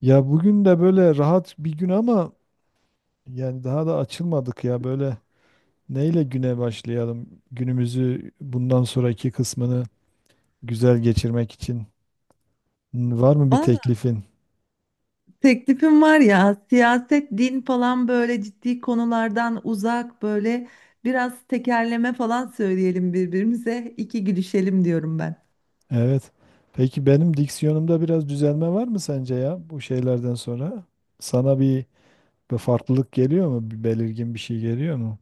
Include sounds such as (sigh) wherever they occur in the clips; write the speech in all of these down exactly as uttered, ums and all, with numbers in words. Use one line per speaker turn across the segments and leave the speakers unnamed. Ya bugün de böyle rahat bir gün ama yani daha da açılmadık ya böyle neyle güne başlayalım? Günümüzü bundan sonraki kısmını güzel geçirmek için N- var mı bir
Valla
teklifin?
teklifim var ya siyaset, din falan böyle ciddi konulardan uzak böyle biraz tekerleme falan söyleyelim birbirimize iki gülüşelim diyorum ben.
Evet. Peki benim diksiyonumda biraz düzelme var mı sence ya bu şeylerden sonra? Sana bir, bir farklılık geliyor mu? Bir belirgin bir şey geliyor mu?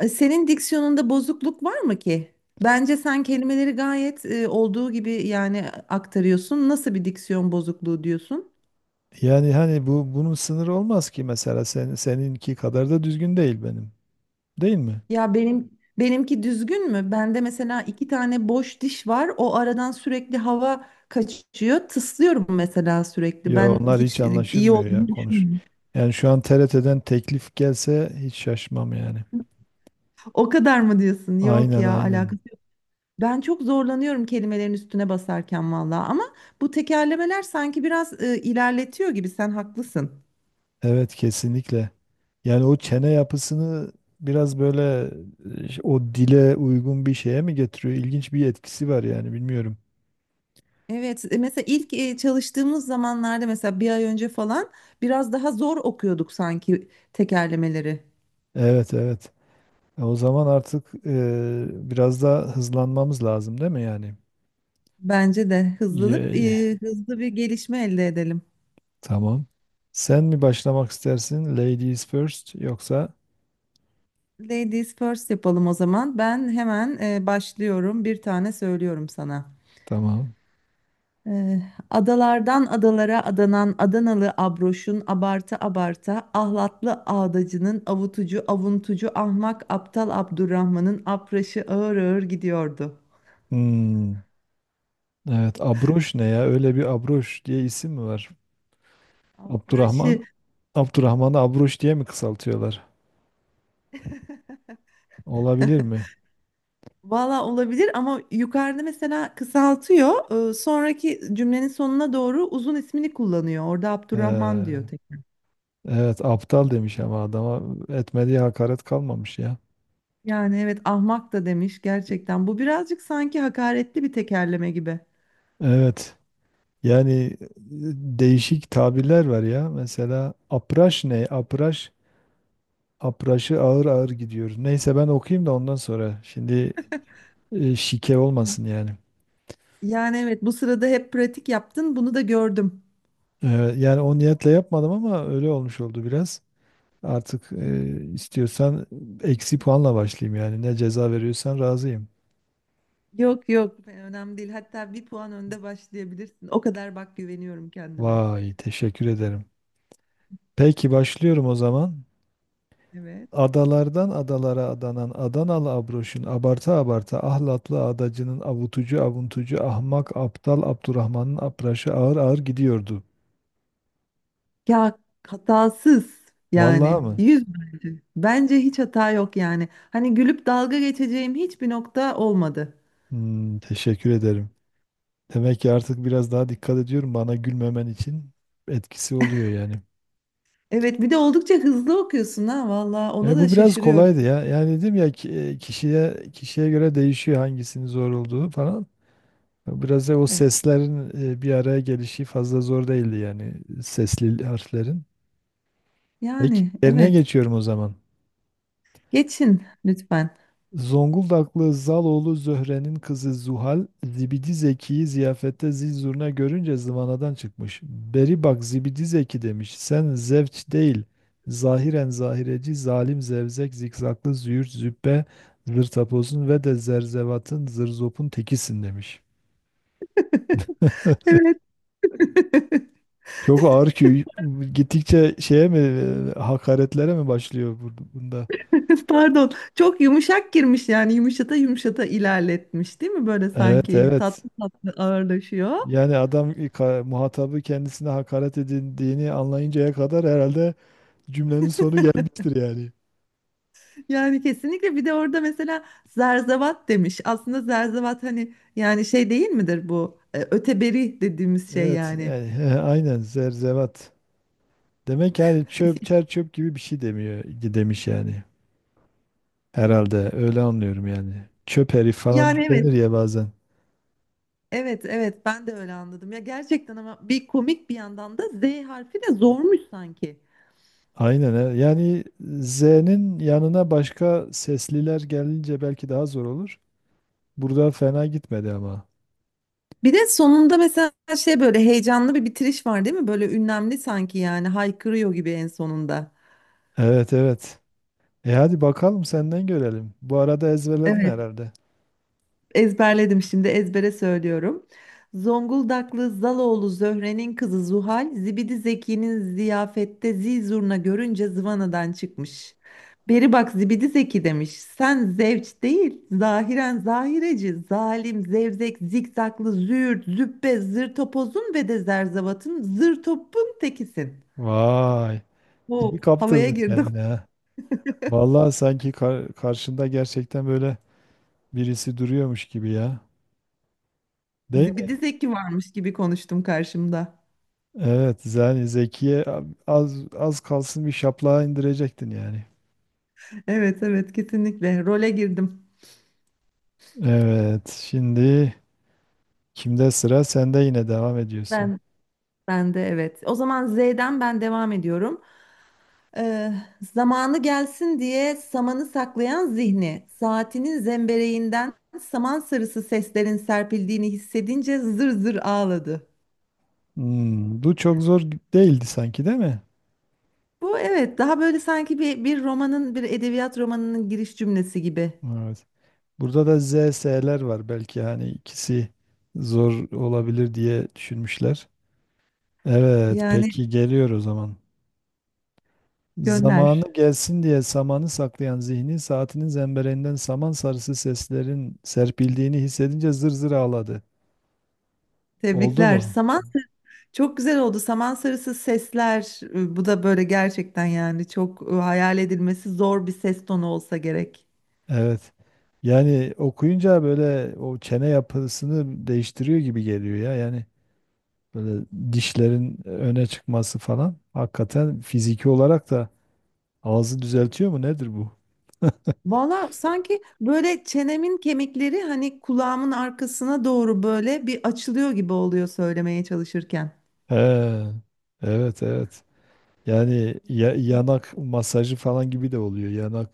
E, Senin diksiyonunda bozukluk var mı ki? Bence sen kelimeleri gayet e, olduğu gibi yani aktarıyorsun. Nasıl bir diksiyon bozukluğu diyorsun?
Yani hani bu bunun sınırı olmaz ki mesela sen, seninki kadar da düzgün değil benim. Değil mi?
Ya benim benimki düzgün mü? Bende mesela iki tane boş diş var. O aradan sürekli hava kaçıyor. Tıslıyorum mesela sürekli.
Ya
Ben
onlar hiç
hiç e, iyi
anlaşılmıyor ya
olduğunu
konuş.
düşünmüyorum.
Yani şu an T R T'den teklif gelse hiç şaşmam yani.
O kadar mı diyorsun? Yok
Aynen
ya
aynen.
alakası. yok. Ben çok zorlanıyorum kelimelerin üstüne basarken valla. Ama bu tekerlemeler sanki biraz e, ilerletiyor gibi. Sen haklısın.
Evet kesinlikle. Yani o çene yapısını biraz böyle e, o dile uygun bir şeye mi getiriyor? İlginç bir etkisi var yani bilmiyorum.
Evet, e, mesela ilk e, çalıştığımız zamanlarda mesela bir ay önce falan biraz daha zor okuyorduk sanki tekerlemeleri.
Evet evet. E, O zaman artık e, biraz daha hızlanmamız lazım değil mi yani?
Bence de hızlanıp
Ye-
e, hızlı bir gelişme elde edelim.
Tamam. Sen mi başlamak istersin? Ladies first yoksa?
Ladies first yapalım o zaman. Ben hemen e, başlıyorum. Bir tane söylüyorum sana.
Tamam.
E, Adalardan adalara adanan Adanalı abroşun abarta abarta ahlatlı ağdacının avutucu avuntucu ahmak aptal Abdurrahman'ın apraşı ağır ağır gidiyordu.
Hmm. Evet, Abroş ne ya? Öyle bir Abroş diye isim mi var? Abdurrahman,
Apraşı.
Abdurrahman'ı Abroş diye mi kısaltıyorlar?
(laughs)
Olabilir mi?
Valla olabilir ama yukarıda mesela kısaltıyor. Ee, Sonraki cümlenin sonuna doğru uzun ismini kullanıyor. Orada Abdurrahman diyor
Ee,
tek.
evet, aptal demiş ama adama etmediği hakaret kalmamış ya.
Yani evet ahmak da demiş gerçekten. Bu birazcık sanki hakaretli bir tekerleme gibi.
Evet, yani e, değişik tabirler var ya. Mesela apraş ne? Apraş, apraşı ağır ağır gidiyor. Neyse ben okuyayım da ondan sonra. Şimdi e, şike
Evet.
olmasın yani.
Yani evet bu sırada hep pratik yaptın bunu da gördüm.
Ee, yani o niyetle yapmadım ama öyle olmuş oldu biraz. Artık e, istiyorsan eksi puanla başlayayım yani. Ne ceza veriyorsan razıyım.
Yok yok önemli değil. Hatta bir puan önde başlayabilirsin. O kadar bak güveniyorum kendime.
Vay, teşekkür ederim. Peki başlıyorum o zaman.
Evet.
Adalardan adalara adanan Adanalı Abroş'un abarta abarta ahlatlı adacının avutucu avuntucu ahmak aptal Abdurrahman'ın apraşı ağır ağır gidiyordu.
Ya hatasız
Vallahi Hmm.
yani
mı?
yüz bence. Bence hiç hata yok yani. Hani gülüp dalga geçeceğim hiçbir nokta olmadı.
Hmm, teşekkür ederim. Demek ki artık biraz daha dikkat ediyorum bana gülmemen için etkisi oluyor yani.
Evet bir de oldukça hızlı okuyorsun ha valla ona
E,
da
bu biraz
şaşırıyorum.
kolaydı ya. Yani dedim ya ki- e, kişiye kişiye göre değişiyor hangisinin zor olduğu falan. Biraz da o
Evet
seslerin e, bir araya gelişi fazla zor değildi yani sesli harflerin. Peki
yani
yerine
evet
geçiyorum o zaman.
geçin lütfen.
Zonguldaklı Zaloğlu Zöhre'nin kızı Zuhal, Zibidi Zeki'yi ziyafette zil zurna görünce zıvanadan çıkmış. Beri bak Zibidi Zeki demiş, sen zevç değil, zahiren zahireci, zalim zevzek, zikzaklı züğürt, züppe, zırtapozun ve de zerzevatın, zırzopun tekisin demiş.
(laughs) Evet (laughs)
Çok ağır ki gittikçe şeye mi, e, hakaretlere mi başlıyor bu- bunda?
pardon çok yumuşak girmiş yani yumuşata yumuşata ilerletmiş değil mi böyle
Evet,
sanki
evet.
tatlı tatlı ağırlaşıyor.
Yani adam ka- muhatabı kendisine hakaret edildiğini anlayıncaya kadar herhalde cümlenin sonu gelmiştir yani.
Yani kesinlikle bir de orada mesela zerzevat demiş. Aslında zerzevat hani yani şey değil midir bu? E, Öteberi dediğimiz şey
Evet
yani.
yani (laughs) he, aynen zerzevat. Demek yani çöp çer çöp gibi bir şey demiyor demiş yani. Herhalde öyle anlıyorum yani. Çöp herif falan
Yani evet,
denir ya bazen.
evet, evet ben de öyle anladım. Ya gerçekten ama bir komik bir yandan da Z harfi de zormuş sanki.
Aynen he. Yani Z'nin yanına başka sesliler gelince belki daha zor olur. Burada fena gitmedi ama.
Bir de sonunda mesela şey böyle heyecanlı bir bitiriş var değil mi? Böyle ünlemli sanki yani haykırıyor gibi en sonunda.
Evet evet. E hadi bakalım senden görelim. Bu arada ezberledin
Evet.
herhalde.
Ezberledim şimdi ezbere söylüyorum. Zonguldaklı Zaloğlu Zöhre'nin kızı Zuhal, Zibidi Zeki'nin ziyafette zizurna görünce zıvanadan çıkmış. Beri bak Zibidi Zeki demiş. Sen zevç değil, zahiren zahireci, zalim, zevzek, zikzaklı, züğürt, züppe, zır topozun ve de zerzavatın, zır topun tekisin.
Vay. İyi
Oo, havaya
kaptırdın
girdim.
kendini ha. Vallahi sanki kar- karşında gerçekten böyle birisi duruyormuş gibi ya.
(laughs)
Değil mi?
Zibidi Zeki varmış gibi konuştum karşımda.
Evet, yani Zekiye az az kalsın bir şaplağa indirecektin yani.
Evet evet kesinlikle role girdim.
Evet, şimdi kimde sıra? Sen de yine devam ediyorsun.
Ben Ben de evet. O zaman Z'den ben devam ediyorum. Ee, Zamanı gelsin diye samanı saklayan zihni, saatinin zembereğinden saman sarısı seslerin serpildiğini hissedince zır zır ağladı.
Hmm, bu çok zor değildi sanki değil mi?
Bu evet daha böyle sanki bir, bir romanın bir edebiyat romanının giriş cümlesi gibi.
Evet. Burada da Z S'ler var belki hani ikisi zor olabilir diye düşünmüşler. Evet,
Yani
peki geliyor o zaman. Zamanı
gönder.
gelsin diye samanı saklayan zihni saatinin zembereninden saman sarısı seslerin serpildiğini hissedince zır zır ağladı. Oldu
Tebrikler.
mu?
Saman çok güzel oldu. Saman sarısı sesler e, bu da böyle gerçekten yani çok e, hayal edilmesi zor bir ses tonu olsa gerek.
Evet. Yani okuyunca böyle o çene yapısını değiştiriyor gibi geliyor ya. Yani böyle dişlerin öne çıkması falan. Hakikaten fiziki olarak da ağzı düzeltiyor mu? Nedir bu?
Valla sanki böyle çenemin kemikleri hani kulağımın arkasına doğru böyle bir açılıyor gibi oluyor söylemeye çalışırken.
He, evet evet. Yani ya- yanak masajı falan gibi de oluyor. Yanak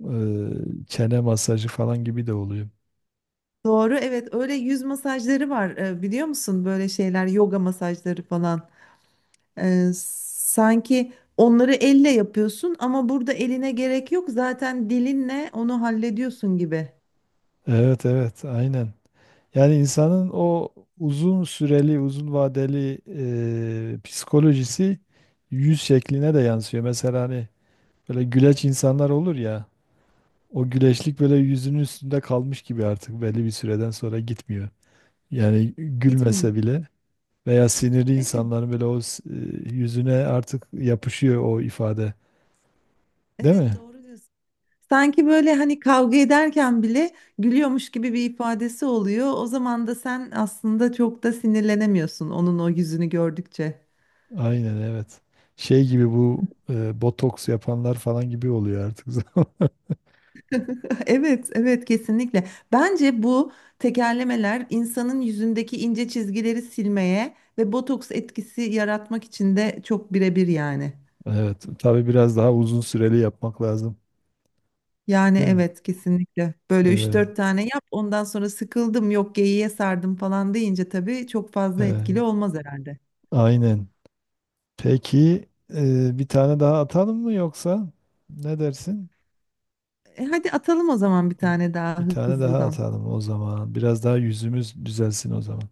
e, çene masajı falan gibi de oluyor.
Doğru evet öyle yüz masajları var e, biliyor musun böyle şeyler yoga masajları falan. E, sanki onları elle yapıyorsun ama burada eline gerek yok zaten dilinle onu hallediyorsun gibi.
Evet evet aynen. Yani insanın o uzun süreli, uzun vadeli e, psikolojisi yüz şekline de yansıyor. Mesela hani böyle güleç insanlar olur ya, o
Evet.
güleçlik böyle yüzünün üstünde kalmış gibi artık belli bir süreden sonra gitmiyor. Yani
Gitmiyor.
gülmese bile veya sinirli
Evet
insanların böyle o s- e, yüzüne artık yapışıyor o ifade. Değil
evet
mi?
doğru diyorsun. Sanki böyle hani kavga ederken bile gülüyormuş gibi bir ifadesi oluyor. O zaman da sen aslında çok da sinirlenemiyorsun onun o yüzünü gördükçe.
Aynen evet. Şey gibi bu e, botoks yapanlar falan gibi oluyor artık. (laughs) zaman.
(laughs) Evet, evet kesinlikle. Bence bu tekerlemeler insanın yüzündeki ince çizgileri silmeye ve botoks etkisi yaratmak için de çok birebir yani.
Evet. Tabii biraz daha uzun süreli yapmak lazım.
Yani
Değil mi?
evet kesinlikle. Böyle üç
Evet.
dört tane yap ondan sonra sıkıldım yok geyiğe sardım falan deyince tabii çok fazla etkili
Evet.
olmaz herhalde.
Aynen. Peki e, bir tane daha atalım mı yoksa ne dersin?
E, hadi atalım o zaman bir tane daha
Bir tane daha
hızlıdan.
atalım o zaman. Biraz daha yüzümüz düzelsin o zaman.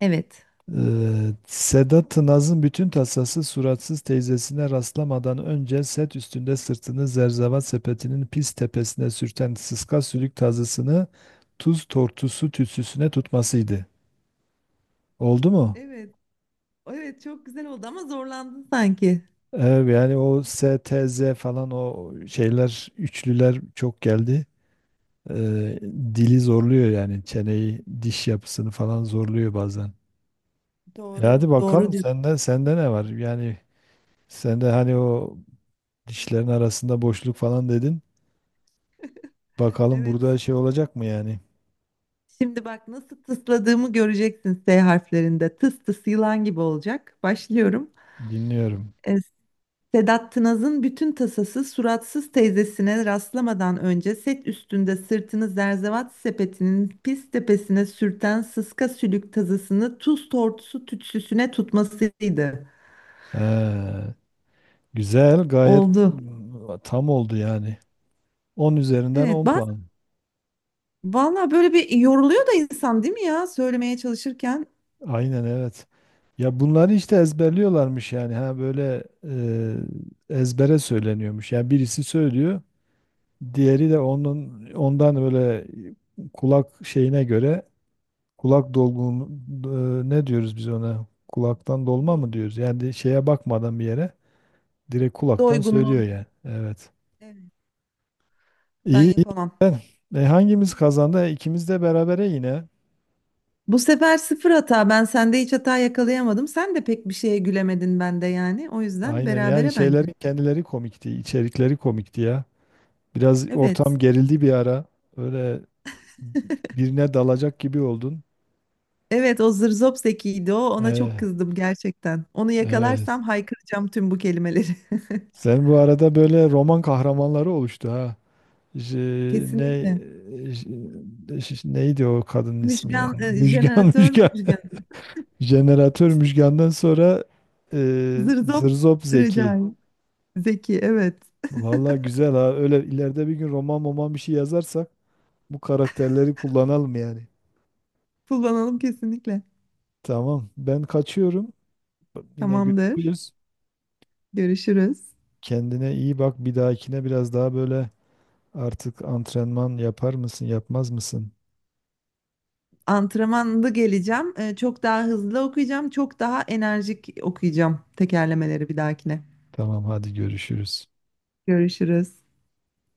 Evet.
Ee, Sedat Naz'ın bütün tasası suratsız teyzesine rastlamadan önce set üstünde sırtını zerzevat sepetinin pis tepesine sürten sıska sülük tazısını tuz tortusu tütsüsüne tutmasıydı. Oldu mu?
Evet. Evet çok güzel oldu ama zorlandın sanki.
Evet, yani o S T Z falan o şeyler üçlüler çok geldi. Ee, dili zorluyor yani çeneyi diş yapısını falan zorluyor bazen. E
Doğru.
hadi
Doğru
bakalım
diyorsun.
sende sende ne var? Yani sende hani o dişlerin arasında boşluk falan dedin. Bakalım
Evet.
burada şey olacak mı yani?
Şimdi bak nasıl tısladığımı göreceksin S harflerinde. Tıs tıs yılan gibi olacak. Başlıyorum.
Dinliyorum.
E, Sedat Tınaz'ın bütün tasası suratsız teyzesine rastlamadan önce set üstünde sırtını zerzevat sepetinin pis tepesine sürten sıska sülük tazısını tuz tortusu tütsüsüne tutmasıydı.
He, güzel, gayet
Oldu.
mm, tam oldu yani. On üzerinden
Evet,
on puan.
valla böyle bir yoruluyor da insan değil mi ya söylemeye çalışırken
Aynen evet. Ya bunları işte ezberliyorlarmış yani. Ha böyle e, ezbere söyleniyormuş. Yani birisi söylüyor, diğeri de onun ondan böyle kulak şeyine göre kulak dolgun e, ne diyoruz biz ona? Kulaktan dolma
do
mı diyoruz? Yani şeye bakmadan bir yere direkt kulaktan
doygunluğu.
söylüyor yani. Evet.
Evet, ben
İyi, iyi.
yapamam.
Ben- E, hangimiz kazandı? E, İkimiz de berabere yine.
Bu sefer sıfır hata. Ben sende hiç hata yakalayamadım. Sen de pek bir şeye gülemedin bende yani. O yüzden
Aynen yani
berabere bence.
şeylerin kendileri komikti, içerikleri komikti ya. Biraz
Evet.
ortam gerildi bir ara. Öyle birine dalacak gibi oldun.
Evet o zırzop zekiydi o. Ona çok
E,
kızdım gerçekten. Onu
evet.
yakalarsam haykıracağım tüm bu kelimeleri.
Sen bu arada böyle roman kahramanları oluştu ha.
(laughs)
J- ne
Kesinlikle.
j- ş- neydi o kadının ismi ya?
Müjgan, e,
Müjgan (laughs)
jeneratör
Müjgan.
müjgan.
Jeneratör Müjgan'dan sonra e,
Zırzop
Zırzop Zeki.
Recai. Zeki evet.
Vallahi güzel ha. Öyle ileride bir gün roman roman bir şey yazarsak bu karakterleri kullanalım yani.
Kullanalım kesinlikle.
Tamam. Ben kaçıyorum. Yine
Tamamdır.
görüşürüz.
Görüşürüz.
Kendine iyi bak. Bir dahakine biraz daha böyle artık antrenman yapar mısın, yapmaz mısın?
Antrenmanlı geleceğim. Ee, çok daha hızlı okuyacağım. Çok daha enerjik okuyacağım tekerlemeleri bir dahakine.
Tamam, hadi görüşürüz.
Görüşürüz.